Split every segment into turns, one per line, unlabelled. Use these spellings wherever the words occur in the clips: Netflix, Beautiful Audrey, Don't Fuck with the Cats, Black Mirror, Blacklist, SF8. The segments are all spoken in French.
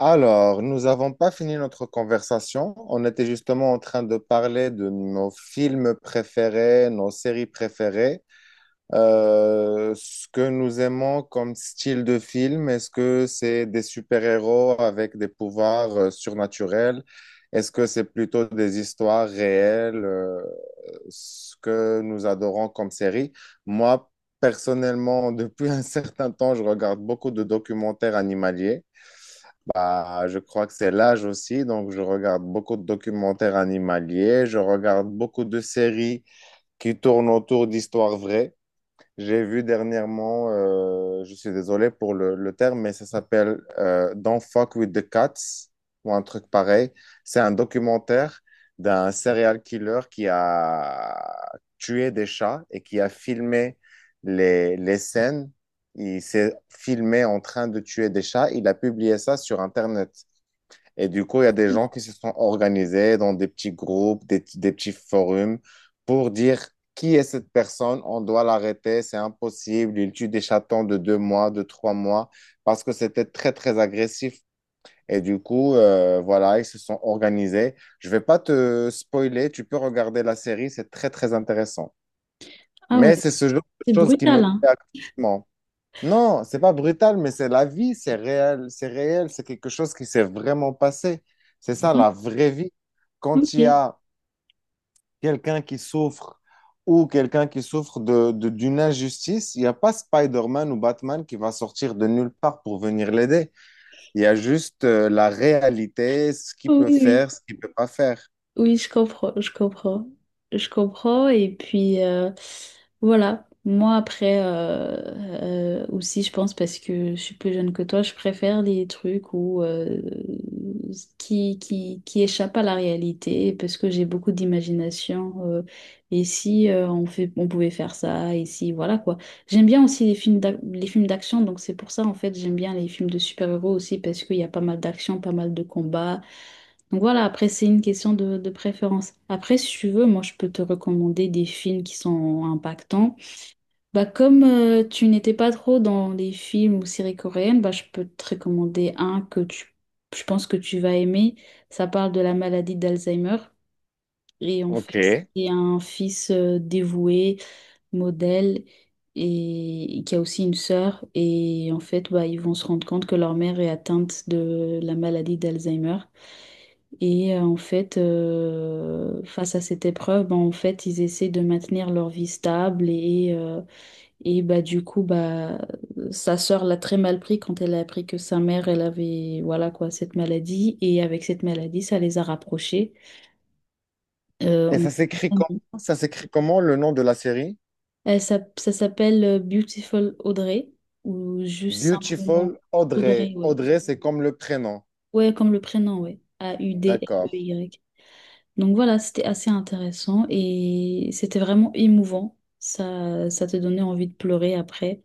Alors, nous n'avons pas fini notre conversation. On était justement en train de parler de nos films préférés, nos séries préférées, ce que nous aimons comme style de film. Est-ce que c'est des super-héros avec des pouvoirs surnaturels? Est-ce que c'est plutôt des histoires réelles, ce que nous adorons comme série? Moi, personnellement, depuis un certain temps, je regarde beaucoup de documentaires animaliers. Bah, je crois que c'est l'âge aussi, donc je regarde beaucoup de documentaires animaliers, je regarde beaucoup de séries qui tournent autour d'histoires vraies. J'ai vu dernièrement, je suis désolé pour le terme, mais ça s'appelle Don't Fuck with the Cats ou un truc pareil. C'est un documentaire d'un serial killer qui a tué des chats et qui a filmé les scènes. Il s'est filmé en train de tuer des chats. Il a publié ça sur Internet. Et du coup, il y a des gens qui se sont organisés dans des petits groupes, des petits forums pour dire qui est cette personne, on doit l'arrêter, c'est impossible, il tue des chatons de deux mois, de trois mois, parce que c'était très, très agressif. Et du coup, voilà, ils se sont organisés. Je vais pas te spoiler, tu peux regarder la série, c'est très, très intéressant.
Ah ouais,
Mais c'est ce genre de
c'est
choses qui
brutal,
me
hein.
plaît actuellement. Non, c'est pas brutal, mais c'est la vie, c'est réel, c'est réel, c'est quelque chose qui s'est vraiment passé. C'est ça
Ouais.
la vraie vie. Quand il y
Ok.
a quelqu'un qui souffre ou quelqu'un qui souffre d'une injustice, il n'y a pas Spider-Man ou Batman qui va sortir de nulle part pour venir l'aider. Il y a juste la réalité, ce qu'il
Oh,
peut
oui, oui.
faire, ce qu'il peut pas faire.
Oui, je comprends, je comprends. Je comprends. Et puis, voilà. Moi, après, aussi, je pense, parce que je suis plus jeune que toi, je préfère les trucs qui échappent à la réalité, parce que j'ai beaucoup d'imagination. Et si on fait, on pouvait faire ça, et si, voilà quoi. J'aime bien aussi les les films d'action, donc c'est pour ça, en fait, j'aime bien les films de super-héros aussi, parce qu'il y a pas mal d'action, pas mal de combats. Donc voilà, après, c'est une question de préférence. Après, si tu veux, moi, je peux te recommander des films qui sont impactants. Bah, comme tu n'étais pas trop dans les films ou séries coréennes, bah, je peux te recommander un que tu, je pense que tu vas aimer. Ça parle de la maladie d'Alzheimer. Et en fait,
OK. Et
c'est un fils dévoué, modèle, et qui a aussi une sœur. Et en fait, bah, ils vont se rendre compte que leur mère est atteinte de la maladie d'Alzheimer. Et en fait, face à cette épreuve, bah, en fait, ils essaient de maintenir leur vie stable et bah, du coup, bah, sa sœur l'a très mal pris quand elle a appris que sa mère, elle avait, voilà quoi, cette maladie. Et avec cette maladie, ça les a rapprochés. Euh,
ça s'écrit
on-
comment? Ça s'écrit comment le nom de la série?
Ça s'appelle Beautiful Audrey, ou juste simplement
Beautiful Audrey.
Audrey, ouais.
Audrey, c'est comme le prénom.
Ouais, comme le prénom, ouais.
D'accord.
A-U-D-R-E-Y. Donc voilà, c'était assez intéressant et c'était vraiment émouvant. Ça te donnait envie de pleurer après.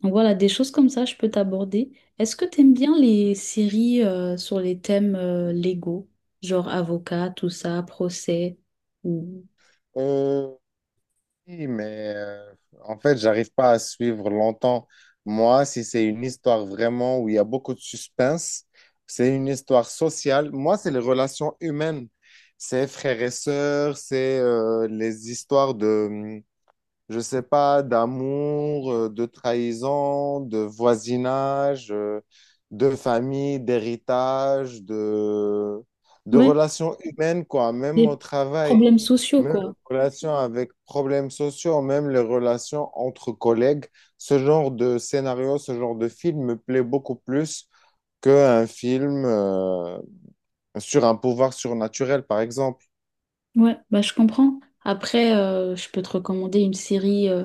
Donc voilà, des choses comme ça, je peux t'aborder. Est-ce que t'aimes bien les séries sur les thèmes légaux, genre avocat, tout ça, procès ou...
Euh, oui, mais en fait, j'arrive pas à suivre longtemps. Moi, si c'est une histoire vraiment où il y a beaucoup de suspense, c'est une histoire sociale. Moi, c'est les relations humaines. C'est frères et sœurs, c'est les histoires de, je sais pas, d'amour, de trahison, de voisinage, de famille, d'héritage, de
Ouais,
relations humaines, quoi, même au
des
travail.
problèmes sociaux,
Même les
quoi.
relations avec problèmes sociaux, même les relations entre collègues, ce genre de scénario, ce genre de film me plaît beaucoup plus qu'un film sur un pouvoir surnaturel, par exemple.
Ouais, bah je comprends. Après, je peux te recommander une série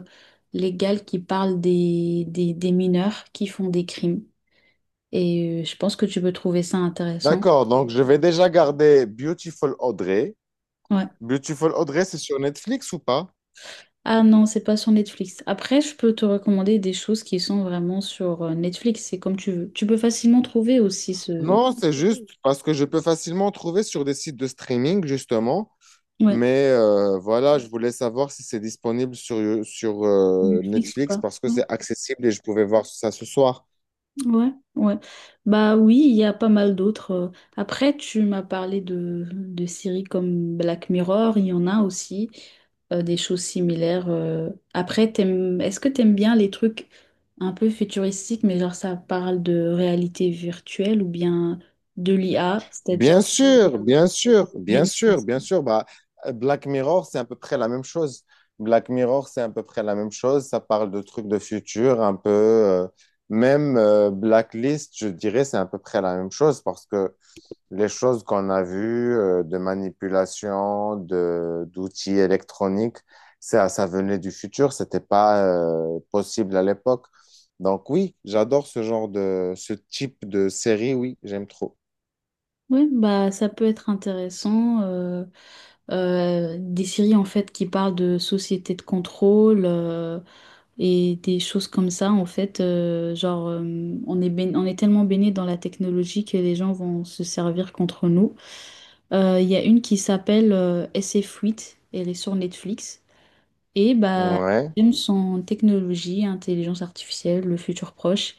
légale qui parle des mineurs qui font des crimes. Et je pense que tu peux trouver ça intéressant.
D'accord, donc je vais déjà garder Beautiful Audrey.
Ouais.
Beautiful Audrey, c'est sur Netflix ou pas?
Ah non, c'est pas sur Netflix. Après, je peux te recommander des choses qui sont vraiment sur Netflix. C'est comme tu veux. Tu peux facilement trouver aussi ce...
Non, c'est juste parce que je peux facilement trouver sur des sites de streaming, justement.
Ouais.
Mais voilà, je voulais savoir si c'est disponible sur, sur
Netflix ou
Netflix
pas.
parce que
Ouais.
c'est accessible et je pouvais voir ça ce soir.
Ouais, ouais. Bah oui, il y a pas mal d'autres. Après, tu m'as parlé de séries comme Black Mirror, il y en a aussi des choses similaires. Après, est-ce que t'aimes bien les trucs un peu futuristiques, mais genre ça parle de réalité virtuelle ou bien de l'IA, c'est-à-dire
Bien
de
sûr, bien sûr, bien sûr,
bénéfices.
bien sûr. Bah, Black Mirror, c'est à peu près la même chose. Black Mirror, c'est à peu près la même chose. Ça parle de trucs de futur, un peu. Même Blacklist, je dirais, c'est à peu près la même chose parce que les choses qu'on a vues de manipulation, d'outils électroniques, ça venait du futur, c'était pas possible à l'époque. Donc oui, j'adore ce genre de, ce type de série, oui, j'aime trop.
Ouais, bah ça peut être intéressant. Des séries en fait qui parlent de société de contrôle. Et des choses comme ça, en fait, on est tellement baigné dans la technologie que les gens vont se servir contre nous. Il y a une qui s'appelle SF8, elle est sur Netflix, et bah,
Ouais,
les thèmes sont technologie, intelligence artificielle, le futur proche.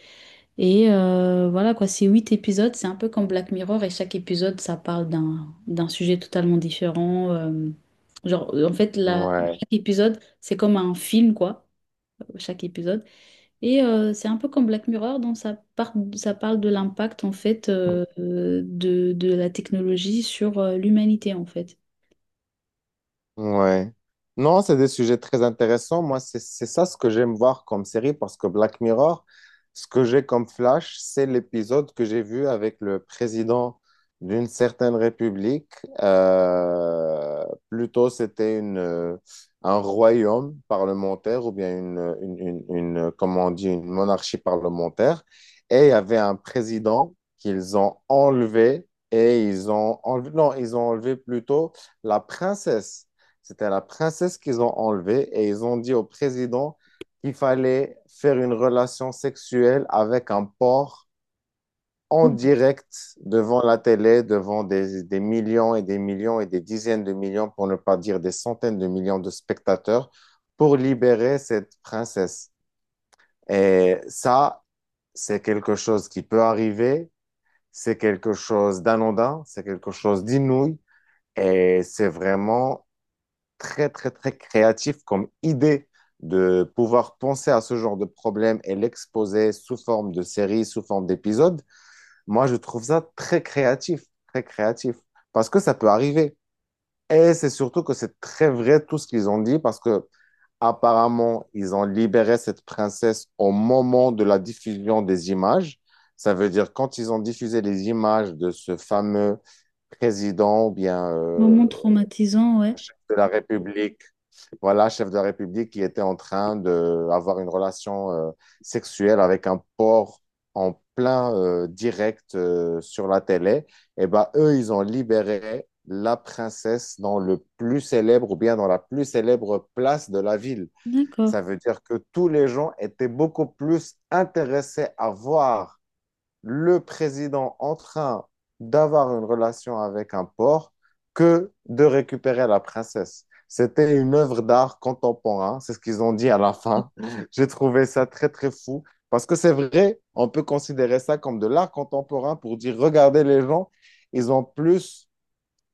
Et voilà quoi, c'est huit épisodes, c'est un peu comme Black Mirror et chaque épisode ça parle d'un sujet totalement différent. Genre en fait la,
ouais.
Chaque épisode c'est comme un film quoi, chaque épisode. Et c'est un peu comme Black Mirror, donc ça parle de l'impact en fait de la technologie sur l'humanité en fait.
Ouais. Non, c'est des sujets très intéressants. Moi, c'est ça ce que j'aime voir comme série parce que Black Mirror, ce que j'ai comme flash, c'est l'épisode que j'ai vu avec le président d'une certaine république. Euh, plutôt, c'était une, un royaume parlementaire ou bien comment on dit, une monarchie parlementaire. Et il y avait un président qu'ils ont enlevé et ils ont enlevé, non, ils ont enlevé plutôt la princesse. C'était la princesse qu'ils ont enlevée et ils ont dit au président qu'il fallait faire une relation sexuelle avec un porc en
Oui.
direct devant la télé, devant des millions et des millions et des dizaines de millions, pour ne pas dire des centaines de millions de spectateurs, pour libérer cette princesse. Et ça, c'est quelque chose qui peut arriver, c'est quelque chose d'anodin, c'est quelque chose d'inouï, et c'est vraiment très, très, très créatif comme idée de pouvoir penser à ce genre de problème et l'exposer sous forme de série, sous forme d'épisode. Moi, je trouve ça très créatif, parce que ça peut arriver. Et c'est surtout que c'est très vrai tout ce qu'ils ont dit, parce que apparemment, ils ont libéré cette princesse au moment de la diffusion des images. Ça veut dire quand ils ont diffusé les images de ce fameux président ou bien
Moment traumatisant, ouais.
chef de la République voilà, chef de la République qui était en train d'avoir une relation sexuelle avec un porc en plein direct sur la télé, et ben eux, ils ont libéré la princesse dans le plus célèbre ou bien dans la plus célèbre place de la ville.
D'accord.
Ça veut dire que tous les gens étaient beaucoup plus intéressés à voir le président en train d'avoir une relation avec un porc que de récupérer la princesse. C'était une œuvre d'art contemporain, c'est ce qu'ils ont dit à la fin. J'ai trouvé ça très, très fou. Parce que c'est vrai, on peut considérer ça comme de l'art contemporain pour dire, regardez les gens, ils ont plus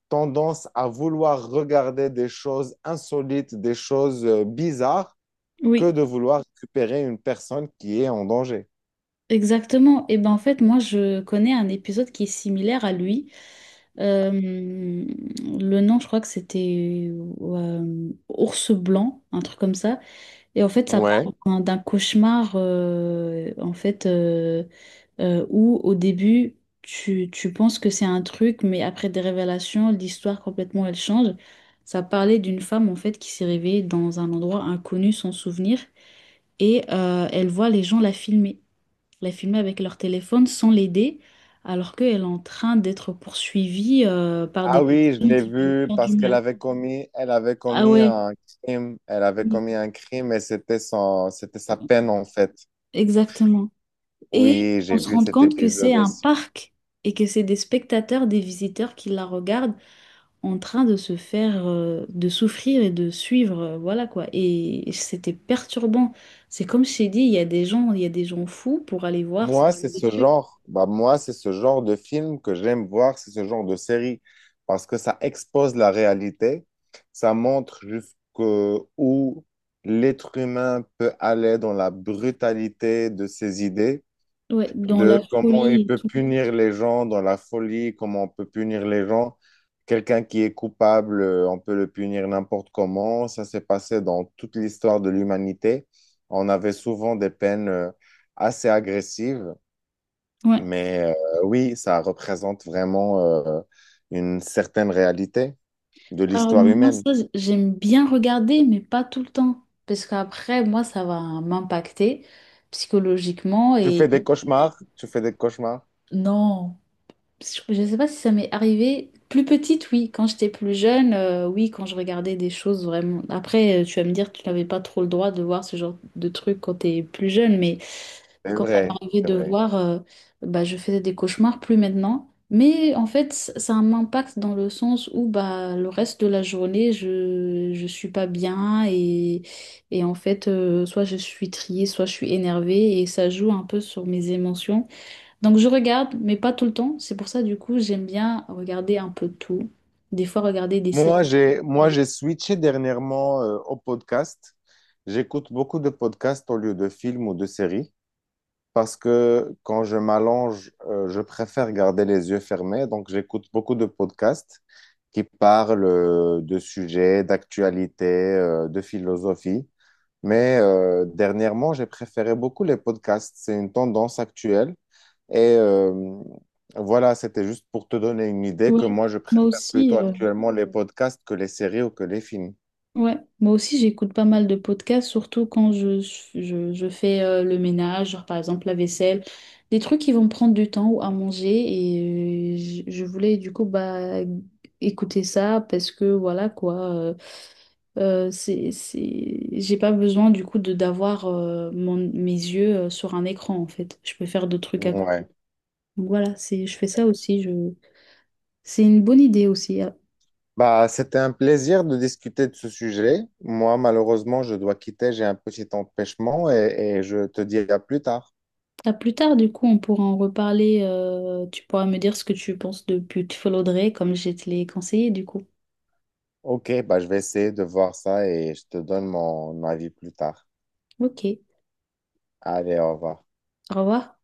tendance à vouloir regarder des choses insolites, des choses bizarres, que
Oui,
de vouloir récupérer une personne qui est en danger.
exactement. Et ben en fait, moi je connais un épisode qui est similaire à lui. Le nom, je crois que c'était Ours Blanc, un truc comme ça. Et en fait, ça part
Ouais.
d'un cauchemar en fait. Où au début, tu penses que c'est un truc, mais après des révélations, l'histoire complètement, elle change. Ça parlait d'une femme, en fait, qui s'est réveillée dans un endroit inconnu, sans souvenir, et elle voit les gens la filmer avec leur téléphone sans l'aider, alors qu'elle est en train d'être poursuivie par des
Ah oui, je
personnes
l'ai
qui veulent lui
vu
faire du
parce qu'elle
mal.
avait commis, elle avait
Ah
commis
ouais.
un crime. Elle avait
Oui.
commis un crime et c'était son, c'était sa peine en fait.
Exactement. Et
Oui,
on
j'ai
se
vu
rend
cet
compte que c'est
épisode
un
aussi.
parc et que c'est des spectateurs, des visiteurs qui la regardent en train de se faire, de souffrir et de suivre, voilà quoi. Et c'était perturbant. C'est comme je t'ai dit, il y a des gens, il y a des gens fous pour aller voir ce
Moi,
genre
c'est
de
ce
truc.
genre, bah, moi, c'est ce genre de film que j'aime voir, c'est ce genre de série parce que ça expose la réalité, ça montre jusqu'où l'être humain peut aller dans la brutalité de ses idées.
Ouais, dans
De
la
comment
folie
il
et
peut
tout.
punir les gens dans la folie, comment on peut punir les gens. Quelqu'un qui est coupable, on peut le punir n'importe comment. Ça s'est passé dans toute l'histoire de l'humanité. On avait souvent des peines assez agressives,
Ouais.
mais oui, ça représente vraiment une certaine réalité de
Alors
l'histoire
moi,
humaine.
ça, j'aime bien regarder, mais pas tout le temps. Parce qu'après, moi, ça va m'impacter psychologiquement
Tu fais
et
des cauchemars, tu fais des cauchemars.
non. Je ne sais pas si ça m'est arrivé. Plus petite, oui. Quand j'étais plus jeune, oui, quand je regardais des choses vraiment. Après, tu vas me dire que tu n'avais pas trop le droit de voir ce genre de trucs quand tu es plus jeune, mais
C'est
quand ça
vrai,
m'arrivait
c'est
de
vrai.
voir, bah, je faisais des cauchemars, plus maintenant. Mais en fait, ça a un impact dans le sens où bah, le reste de la journée, je suis pas bien, et en fait, soit je suis triée, soit je suis énervée et ça joue un peu sur mes émotions. Donc je regarde, mais pas tout le temps. C'est pour ça, du coup, j'aime bien regarder un peu tout. Des fois, regarder des
Moi,
séries.
j'ai switché dernièrement au podcast. J'écoute beaucoup de podcasts au lieu de films ou de séries parce que quand je m'allonge, je préfère garder les yeux fermés. Donc, j'écoute beaucoup de podcasts qui parlent de sujets, d'actualité, de philosophie. Mais dernièrement, j'ai préféré beaucoup les podcasts. C'est une tendance actuelle. Et voilà, c'était juste pour te donner une idée que
Ouais.
moi, je
Moi
préfère
aussi,
plutôt actuellement les podcasts que les séries ou que les films.
ouais, moi aussi j'écoute pas mal de podcasts, surtout quand je, je fais le ménage, genre par exemple la vaisselle, des trucs qui vont me prendre du temps ou à manger. Et je voulais du coup bah, écouter ça parce que voilà quoi, c'est... j'ai pas besoin du coup de d'avoir mon, mes yeux sur un écran en fait. Je peux faire d'autres trucs à côté.
Ouais.
Donc voilà, c'est, je fais ça aussi. Je... C'est une bonne idée aussi.
Bah, c'était un plaisir de discuter de ce sujet. Moi, malheureusement, je dois quitter, j'ai un petit empêchement et je te dis à plus tard.
À plus tard, du coup, on pourra en reparler. Tu pourras me dire ce que tu penses de Beautiful Audrey, comme je te l'ai conseillé, du coup.
Ok, bah, je vais essayer de voir ça et je te donne mon avis plus tard.
Ok.
Allez, au revoir.
Au revoir.